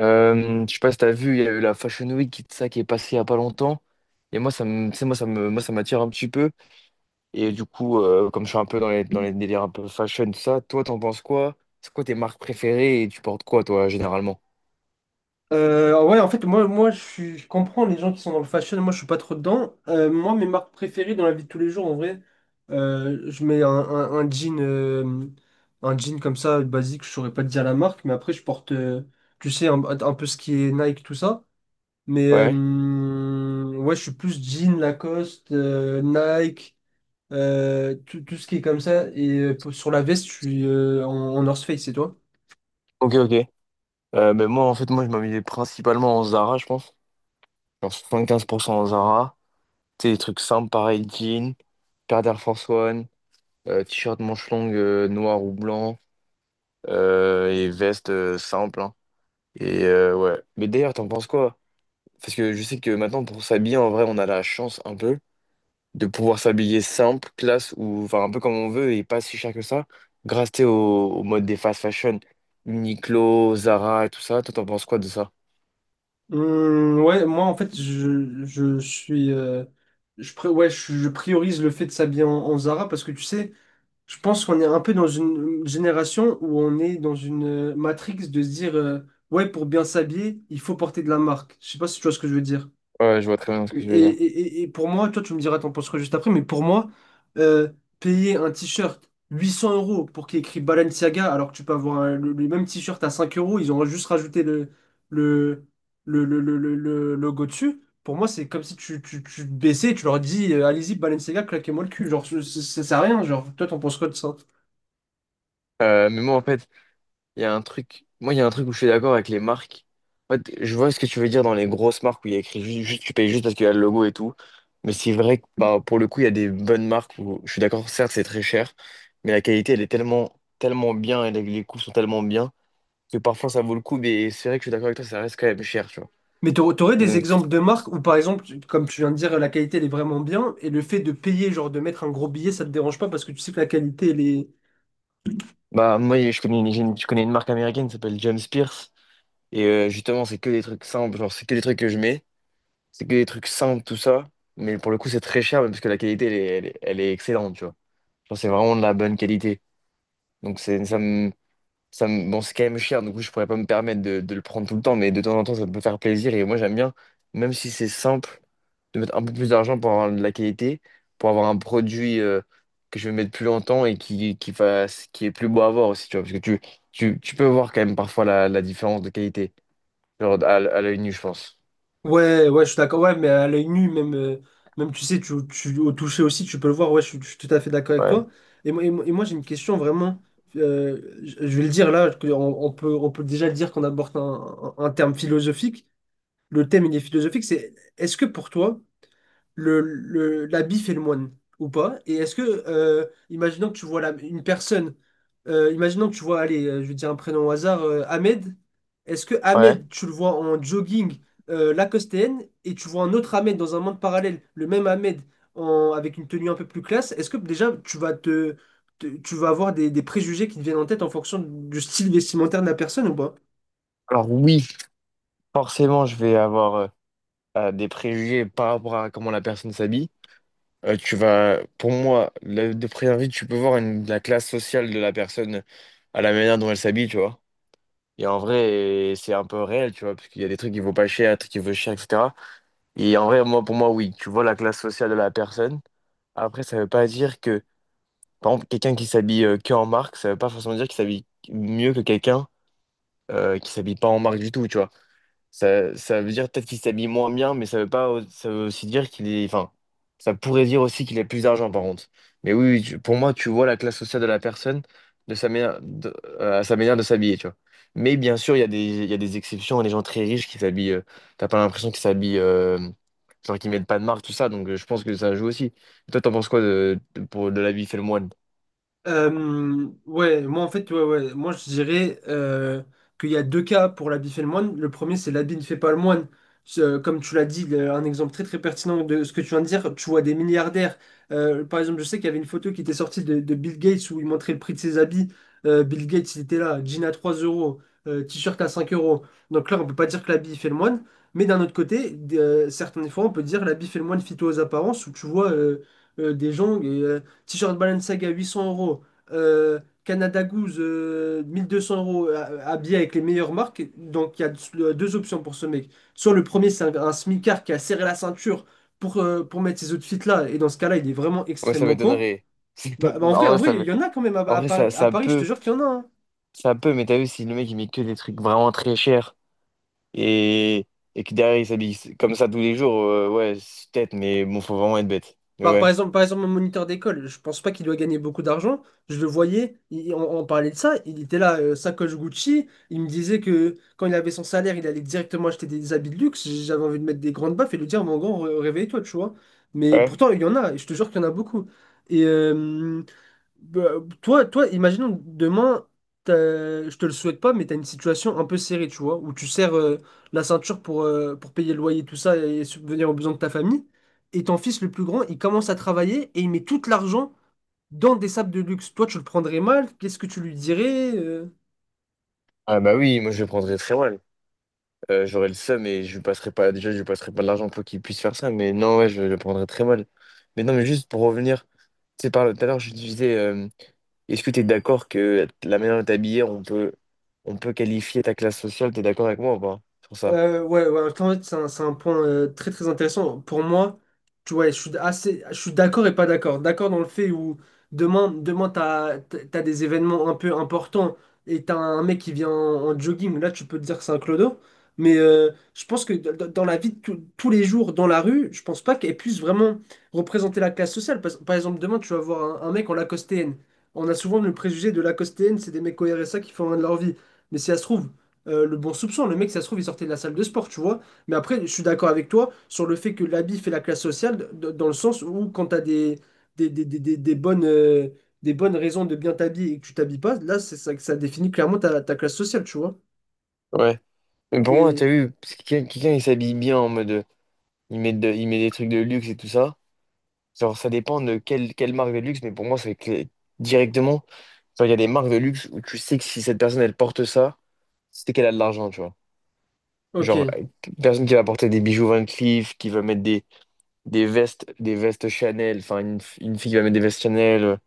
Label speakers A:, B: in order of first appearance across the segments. A: Je sais pas si t'as vu, il y a eu la Fashion Week qui est passée il y a pas longtemps. Et moi, ça me, tu sais, moi, ça me, moi, ça m'attire un petit peu. Et du coup, comme je suis un peu dans dans les délires un peu fashion, tout ça, toi, t'en penses quoi? C'est quoi tes marques préférées et tu portes quoi, toi, généralement?
B: Ouais, en fait, moi je comprends les gens qui sont dans le fashion, moi je suis pas trop dedans. Moi, mes marques préférées dans la vie de tous les jours, en vrai, je mets un jean, un jean comme ça, basique, je saurais pas te dire la marque, mais après je porte, tu sais, un peu ce qui est Nike, tout ça. Mais
A: Ouais.
B: ouais, je suis plus jean, Lacoste, Nike, tout ce qui est comme ça. Et sur la veste, je suis en North Face, c'est toi?
A: Ok, ok. Ben moi, en fait, moi, je m'habillais principalement en Zara, je pense. Genre 75% en Zara. Tu sais, des trucs simples, pareil, jean, paire d'Air Force One, t-shirt manche longue noir ou blanc, et veste simple, hein. Et ouais. Mais d'ailleurs, t'en penses quoi? Parce que je sais que maintenant, pour s'habiller, en vrai, on a la chance un peu de pouvoir s'habiller simple, classe, ou enfin un peu comme on veut et pas si cher que ça, grâce tu sais, au mode des fast fashion, Uniqlo, Zara et tout ça. Toi, t'en penses quoi de ça?
B: Ouais, moi en fait, je suis. Ouais, je priorise le fait de s'habiller en Zara parce que tu sais. Je pense qu'on est un peu dans une génération où on est dans une, matrix de se dire, ouais, pour bien s'habiller, il faut porter de la marque. Je sais pas si tu vois ce que je veux dire.
A: Ouais, je vois très bien ce
B: Et,
A: que je veux dire.
B: et- et- et pour moi, toi, tu me diras, t'en penses quoi juste après, mais pour moi, euh, payer un t-shirt 800 euros pour qu'il y ait écrit Balenciaga, alors que tu peux avoir le même t-shirt à 5 euros, ils ont juste rajouté le, le logo dessus. Pour moi, c'est comme si tu te baissais et tu leur dis, allez-y, Balenciaga, claquez-moi le cul. Genre, ça sert à rien. Genre, toi, t'en penses quoi de ça?
A: Mais moi, en fait, il y a un truc, moi, il y a un truc où je suis d'accord avec les marques. En fait, je vois ce que tu veux dire dans les grosses marques où il y a écrit juste, tu payes juste parce qu'il y a le logo et tout. Mais c'est vrai que pour le coup, il y a des bonnes marques où je suis d'accord, certes, c'est très cher, mais la qualité, elle est tellement bien et les coûts sont tellement bien que parfois ça vaut le coup. Mais c'est vrai que je suis d'accord avec toi, ça reste quand même cher, tu vois.
B: Mais tu aurais des
A: Donc,
B: exemples de marques où, par exemple, comme tu viens de dire, la qualité, elle est vraiment bien, et le fait de payer, genre de mettre un gros billet, ça te dérange pas parce que tu sais que la qualité, elle est...
A: bah, moi, je connais je connais une marque américaine qui s'appelle James Pierce. Et justement, c'est que des trucs simples, genre, c'est que des trucs que je mets. C'est que des trucs simples, tout ça. Mais pour le coup, c'est très cher, mais parce que la qualité, elle est excellente, tu vois. Genre, c'est vraiment de la bonne qualité. Donc, c'est, ça me, bon, c'est quand même cher, du coup, je pourrais pas me permettre de le prendre tout le temps, mais de temps en temps, ça peut faire plaisir. Et moi, j'aime bien, même si c'est simple, de mettre un peu plus d'argent pour avoir de la qualité, pour avoir un produit que je vais mettre plus longtemps et qui est plus beau à voir aussi, tu vois. Parce que tu peux voir quand même parfois la différence de qualité, genre à l'œil nu, je pense.
B: Ouais, ouais, je suis d'accord, ouais, mais à l'œil nu, même, même tu sais, au toucher aussi, tu peux le voir, ouais, je suis tout à fait d'accord avec
A: Ouais.
B: toi. Et moi, j'ai une question vraiment, je vais le dire là, que on peut déjà le dire qu'on aborde un terme philosophique, le thème, il est philosophique, c'est, est-ce que pour toi, la bif et le moine ou pas? Et est-ce que, imaginons que tu vois une personne, imaginons que tu vois, allez, je vais dire un prénom au hasard, Ahmed, est-ce que
A: Ouais.
B: Ahmed, tu le vois en jogging, lacostéenne et tu vois un autre Ahmed dans un monde parallèle, le même Ahmed avec une tenue un peu plus classe, est-ce que déjà tu vas tu vas avoir des préjugés qui te viennent en tête en fonction du style vestimentaire de la personne ou pas?
A: Alors, oui. Forcément, je vais avoir des préjugés par rapport à comment la personne s'habille. Tu vas, pour moi, de près vue, tu peux voir la classe sociale de la personne à la manière dont elle s'habille, tu vois. Et en vrai, c'est un peu réel, tu vois, parce qu'il y a des trucs qui vaut pas cher, des trucs qui vaut cher, etc. Et en vrai, moi, pour moi, oui, tu vois la classe sociale de la personne. Après, ça veut pas dire que, par exemple, quelqu'un qui s'habille que en marque, ça veut pas forcément dire qu'il s'habille mieux que quelqu'un qui s'habille pas en marque du tout, tu vois. Ça veut dire peut-être qu'il s'habille moins bien, mais ça veut pas, ça veut aussi dire qu'il est, enfin, ça pourrait dire aussi qu'il a plus d'argent par contre. Mais oui, oui, pour moi, tu vois la classe sociale de la personne de sa manière, de- à sa manière de s'habiller, tu vois. Mais bien sûr, il y a des exceptions, les gens très riches qui s'habillent, t'as pas l'impression qu'ils s'habillent, genre qu'ils mettent pas de marque, tout ça, donc je pense que ça joue aussi. Toi, t'en penses quoi de l'habit fait le moine?
B: Ouais, moi en fait, ouais, ouais, moi je dirais, qu'il y a deux cas pour l'habit fait le moine. Le premier, c'est l'habit ne fait pas le moine. Comme tu l'as dit, un exemple très très pertinent de ce que tu viens de dire, tu vois des milliardaires. Par exemple, je sais qu'il y avait une photo qui était sortie de Bill Gates où il montrait le prix de ses habits. Bill Gates, il était là, jean à 3 euros, t-shirt à 5 euros. Donc là, on peut pas dire que l'habit fait le moine. Mais d'un autre côté, certaines fois, on peut dire l'habit fait le moine fit aux apparences où tu vois, des gens. T-shirt Balenciaga 800 euros, Canada Goose, 1 200 euros, habillé avec les meilleures marques. Donc il y a deux options pour ce mec. Soit le premier, c'est un smicard qui a serré la ceinture pour mettre ces outfits-là, et dans ce cas-là, il est vraiment
A: Moi, ça
B: extrêmement con.
A: m'étonnerait.
B: Bah, en
A: En
B: vrai, en
A: vrai,
B: vrai, il y en a quand même à,
A: en
B: à
A: vrai,
B: Paris, à
A: ça
B: Paris, je te
A: peut.
B: jure qu'il y en a, hein.
A: Ça peut, mais t'as vu, si le mec il met que des trucs vraiment très chers et, et que derrière il s'habille comme ça tous les jours, ouais, c'est peut-être, mais bon, faut vraiment être bête. Mais
B: Bah, par
A: ouais.
B: exemple, par exemple, mon moniteur d'école, je pense pas qu'il doit gagner beaucoup d'argent. Je le voyais, on parlait de ça, il était là, sacoche Gucci. Il me disait que quand il avait son salaire, il allait directement acheter des habits de luxe. J'avais envie de mettre des grandes baffes et lui dire, mon grand, réveille-toi, tu vois. Mais
A: Ouais.
B: pourtant, il y en a, et je te jure qu'il y en a beaucoup. Et, bah, toi, imaginons demain, je te le souhaite pas, mais tu as une situation un peu serrée, tu vois, où tu serres, la ceinture pour payer le loyer, tout ça, et subvenir aux besoins de ta famille. Et ton fils le plus grand, il commence à travailler et il met tout l'argent dans des sables de luxe. Toi, tu le prendrais mal? Qu'est-ce que tu lui dirais?
A: Ah bah oui, moi je le prendrais très mal. J'aurais le seum et je lui passerais pas, déjà je lui passerais pas de l'argent pour qu'il puisse faire ça, mais non, ouais, je le prendrais très mal. Mais non, mais juste pour revenir, tu sais, par tout à l'heure, je te disais, est-ce que t'es d'accord que la manière de t'habiller, on peut qualifier ta classe sociale, t'es d'accord avec moi ou pas sur ça?
B: Ouais, ouais, en fait, c'est un point, très très intéressant. Pour moi, tu vois, je suis d'accord et pas d'accord. D'accord dans le fait où demain t'as des événements un peu importants et t'as un mec qui vient en jogging. Là, tu peux te dire que c'est un clodo. Mais je pense que dans la vie de tous les jours, dans la rue, je pense pas qu'elle puisse vraiment représenter la classe sociale. Par exemple, demain, tu vas voir un mec en lacostéenne. On a souvent le préjugé de lacostéenne, c'est des mecs au RSA qui font rien de leur vie. Mais si ça se trouve, le bon soupçon. Le mec, ça se trouve, il sortait de la salle de sport, tu vois. Mais après, je suis d'accord avec toi sur le fait que l'habit fait la classe sociale, dans le sens où quand tu as des, des, des, des- des bonnes, euh, des bonnes raisons de bien t'habiller et que tu t'habilles pas, là, c'est ça, que ça définit clairement ta classe sociale, tu vois.
A: Ouais. Mais pour moi,
B: Et
A: t'as vu, parce que quelqu'un, il s'habille bien en mode. Il met, il met des trucs de luxe et tout ça. Genre, ça dépend de quelle marque de luxe, mais pour moi, c'est que directement. Genre, il y a des marques de luxe où tu sais que si cette personne, elle porte ça, c'est qu'elle a de l'argent, tu vois. Genre,
B: ok.
A: personne qui va porter des bijoux Van Cleef, qui va mettre des vestes Chanel, enfin, une fille qui va mettre des vestes Chanel,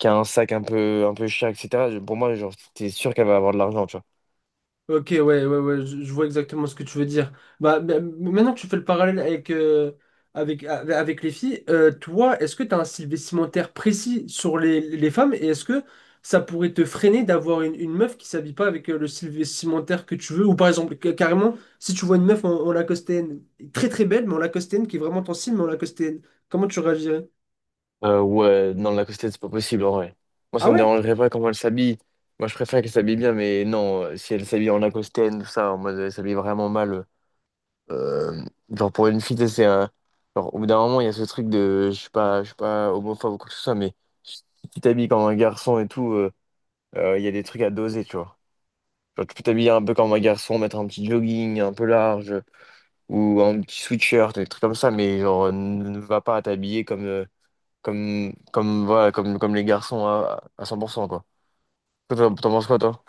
A: qui a un sac un peu cher, etc. Pour moi, genre, t'es sûr qu'elle va avoir de l'argent, tu vois.
B: Ok, ouais, ouais, ouais, je vois exactement ce que tu veux dire. Bah, maintenant que tu fais le parallèle avec, avec les filles, toi, est-ce que tu as un style vestimentaire précis sur les femmes et est-ce que ça pourrait te freiner d'avoir une meuf qui s'habille pas avec, le style vestimentaire que tu veux? Ou par exemple, carrément, si tu vois une meuf en lacostéenne, très très belle, mais en lacostéenne qui est vraiment ton style, mais en lacostéenne, comment tu réagirais?
A: Ouais, non, la costette, c'est pas possible en vrai. Moi,
B: Ah
A: ça me
B: ouais?
A: dérangerait pas comment elle s'habille. Moi, je préfère qu'elle s'habille bien, mais non, si elle s'habille en Lacoste, tout ça, en mode elle s'habille vraiment mal. euh, genre, pour une fille, tu sais, c'est un. Genre, au bout d'un moment, il y a ce truc de. Je suis pas homophobe ou quoi que ce soit, mais si tu t'habilles comme un garçon et tout, il y a des trucs à doser, tu vois. Genre, tu peux t'habiller un peu comme un garçon, mettre un petit jogging un peu large, ou un petit sweatshirt, des trucs comme ça, mais genre, ne va pas t'habiller comme. Voilà, comme les garçons à 100%, quoi. Toi, t'en penses quoi, toi?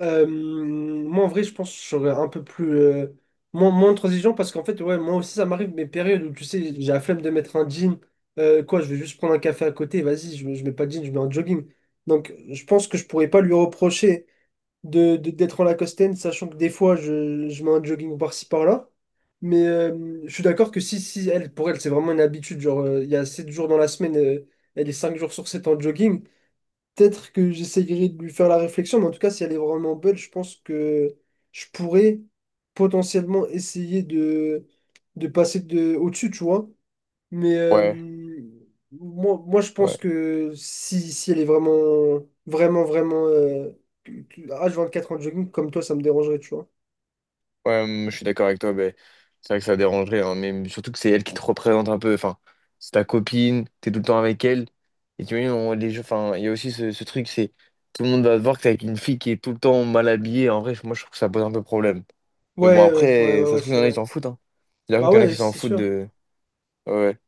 B: Moi, en vrai, je pense que je serais un peu moins transigeant parce qu'en fait, ouais, moi aussi, ça m'arrive mes périodes où, tu sais, j'ai la flemme de mettre un jean. Quoi, je vais juste prendre un café à côté, vas-y, je mets pas de jean, je mets un jogging. Donc, je pense que je pourrais pas lui reprocher d'être en Lacoste, sachant que des fois, je mets un jogging par-ci, par-là. Mais je suis d'accord que si, si, elle, pour elle, c'est vraiment une habitude. Genre, il y a 7 jours dans la semaine, elle est 5 jours sur 7 en jogging. Peut-être que j'essayerai de lui faire la réflexion, mais en tout cas, si elle est vraiment belle, je pense que je pourrais potentiellement essayer de passer au-dessus, tu vois. Mais
A: Ouais,
B: moi, je
A: ouais,
B: pense que si elle est vraiment, vraiment, vraiment, H24 en jogging, comme toi, ça me dérangerait, tu vois.
A: ouais, je suis d'accord avec toi, mais c'est vrai que ça dérangerait, hein, mais surtout que c'est elle qui te représente un peu, enfin, c'est ta copine, t'es tout le temps avec elle, et tu vois, les jeux, enfin, il y a aussi ce truc, c'est tout le monde va te voir que t'es avec une fille qui est tout le temps mal habillée, en vrai, moi je trouve que ça pose un peu problème. Mais bon,
B: Ouais, ouais, ouais,
A: après,
B: ouais,
A: ça
B: ouais,
A: se trouve, il
B: c'est
A: y en a qui
B: vrai.
A: s'en foutent, hein. Il à dire
B: Bah
A: qu'il y en a
B: ouais,
A: qui s'en
B: c'est
A: foutent
B: sûr.
A: de. Ouais. Ouais.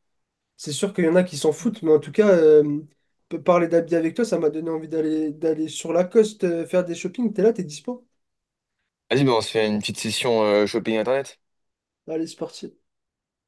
B: C'est sûr qu'il y en a qui s'en foutent, mais en tout cas, parler d'habits avec toi, ça m'a donné envie d'aller sur la coste faire des shopping. T'es là, t'es dispo?
A: Vas-y, bah, on se fait une petite session shopping internet.
B: Allez, c'est parti.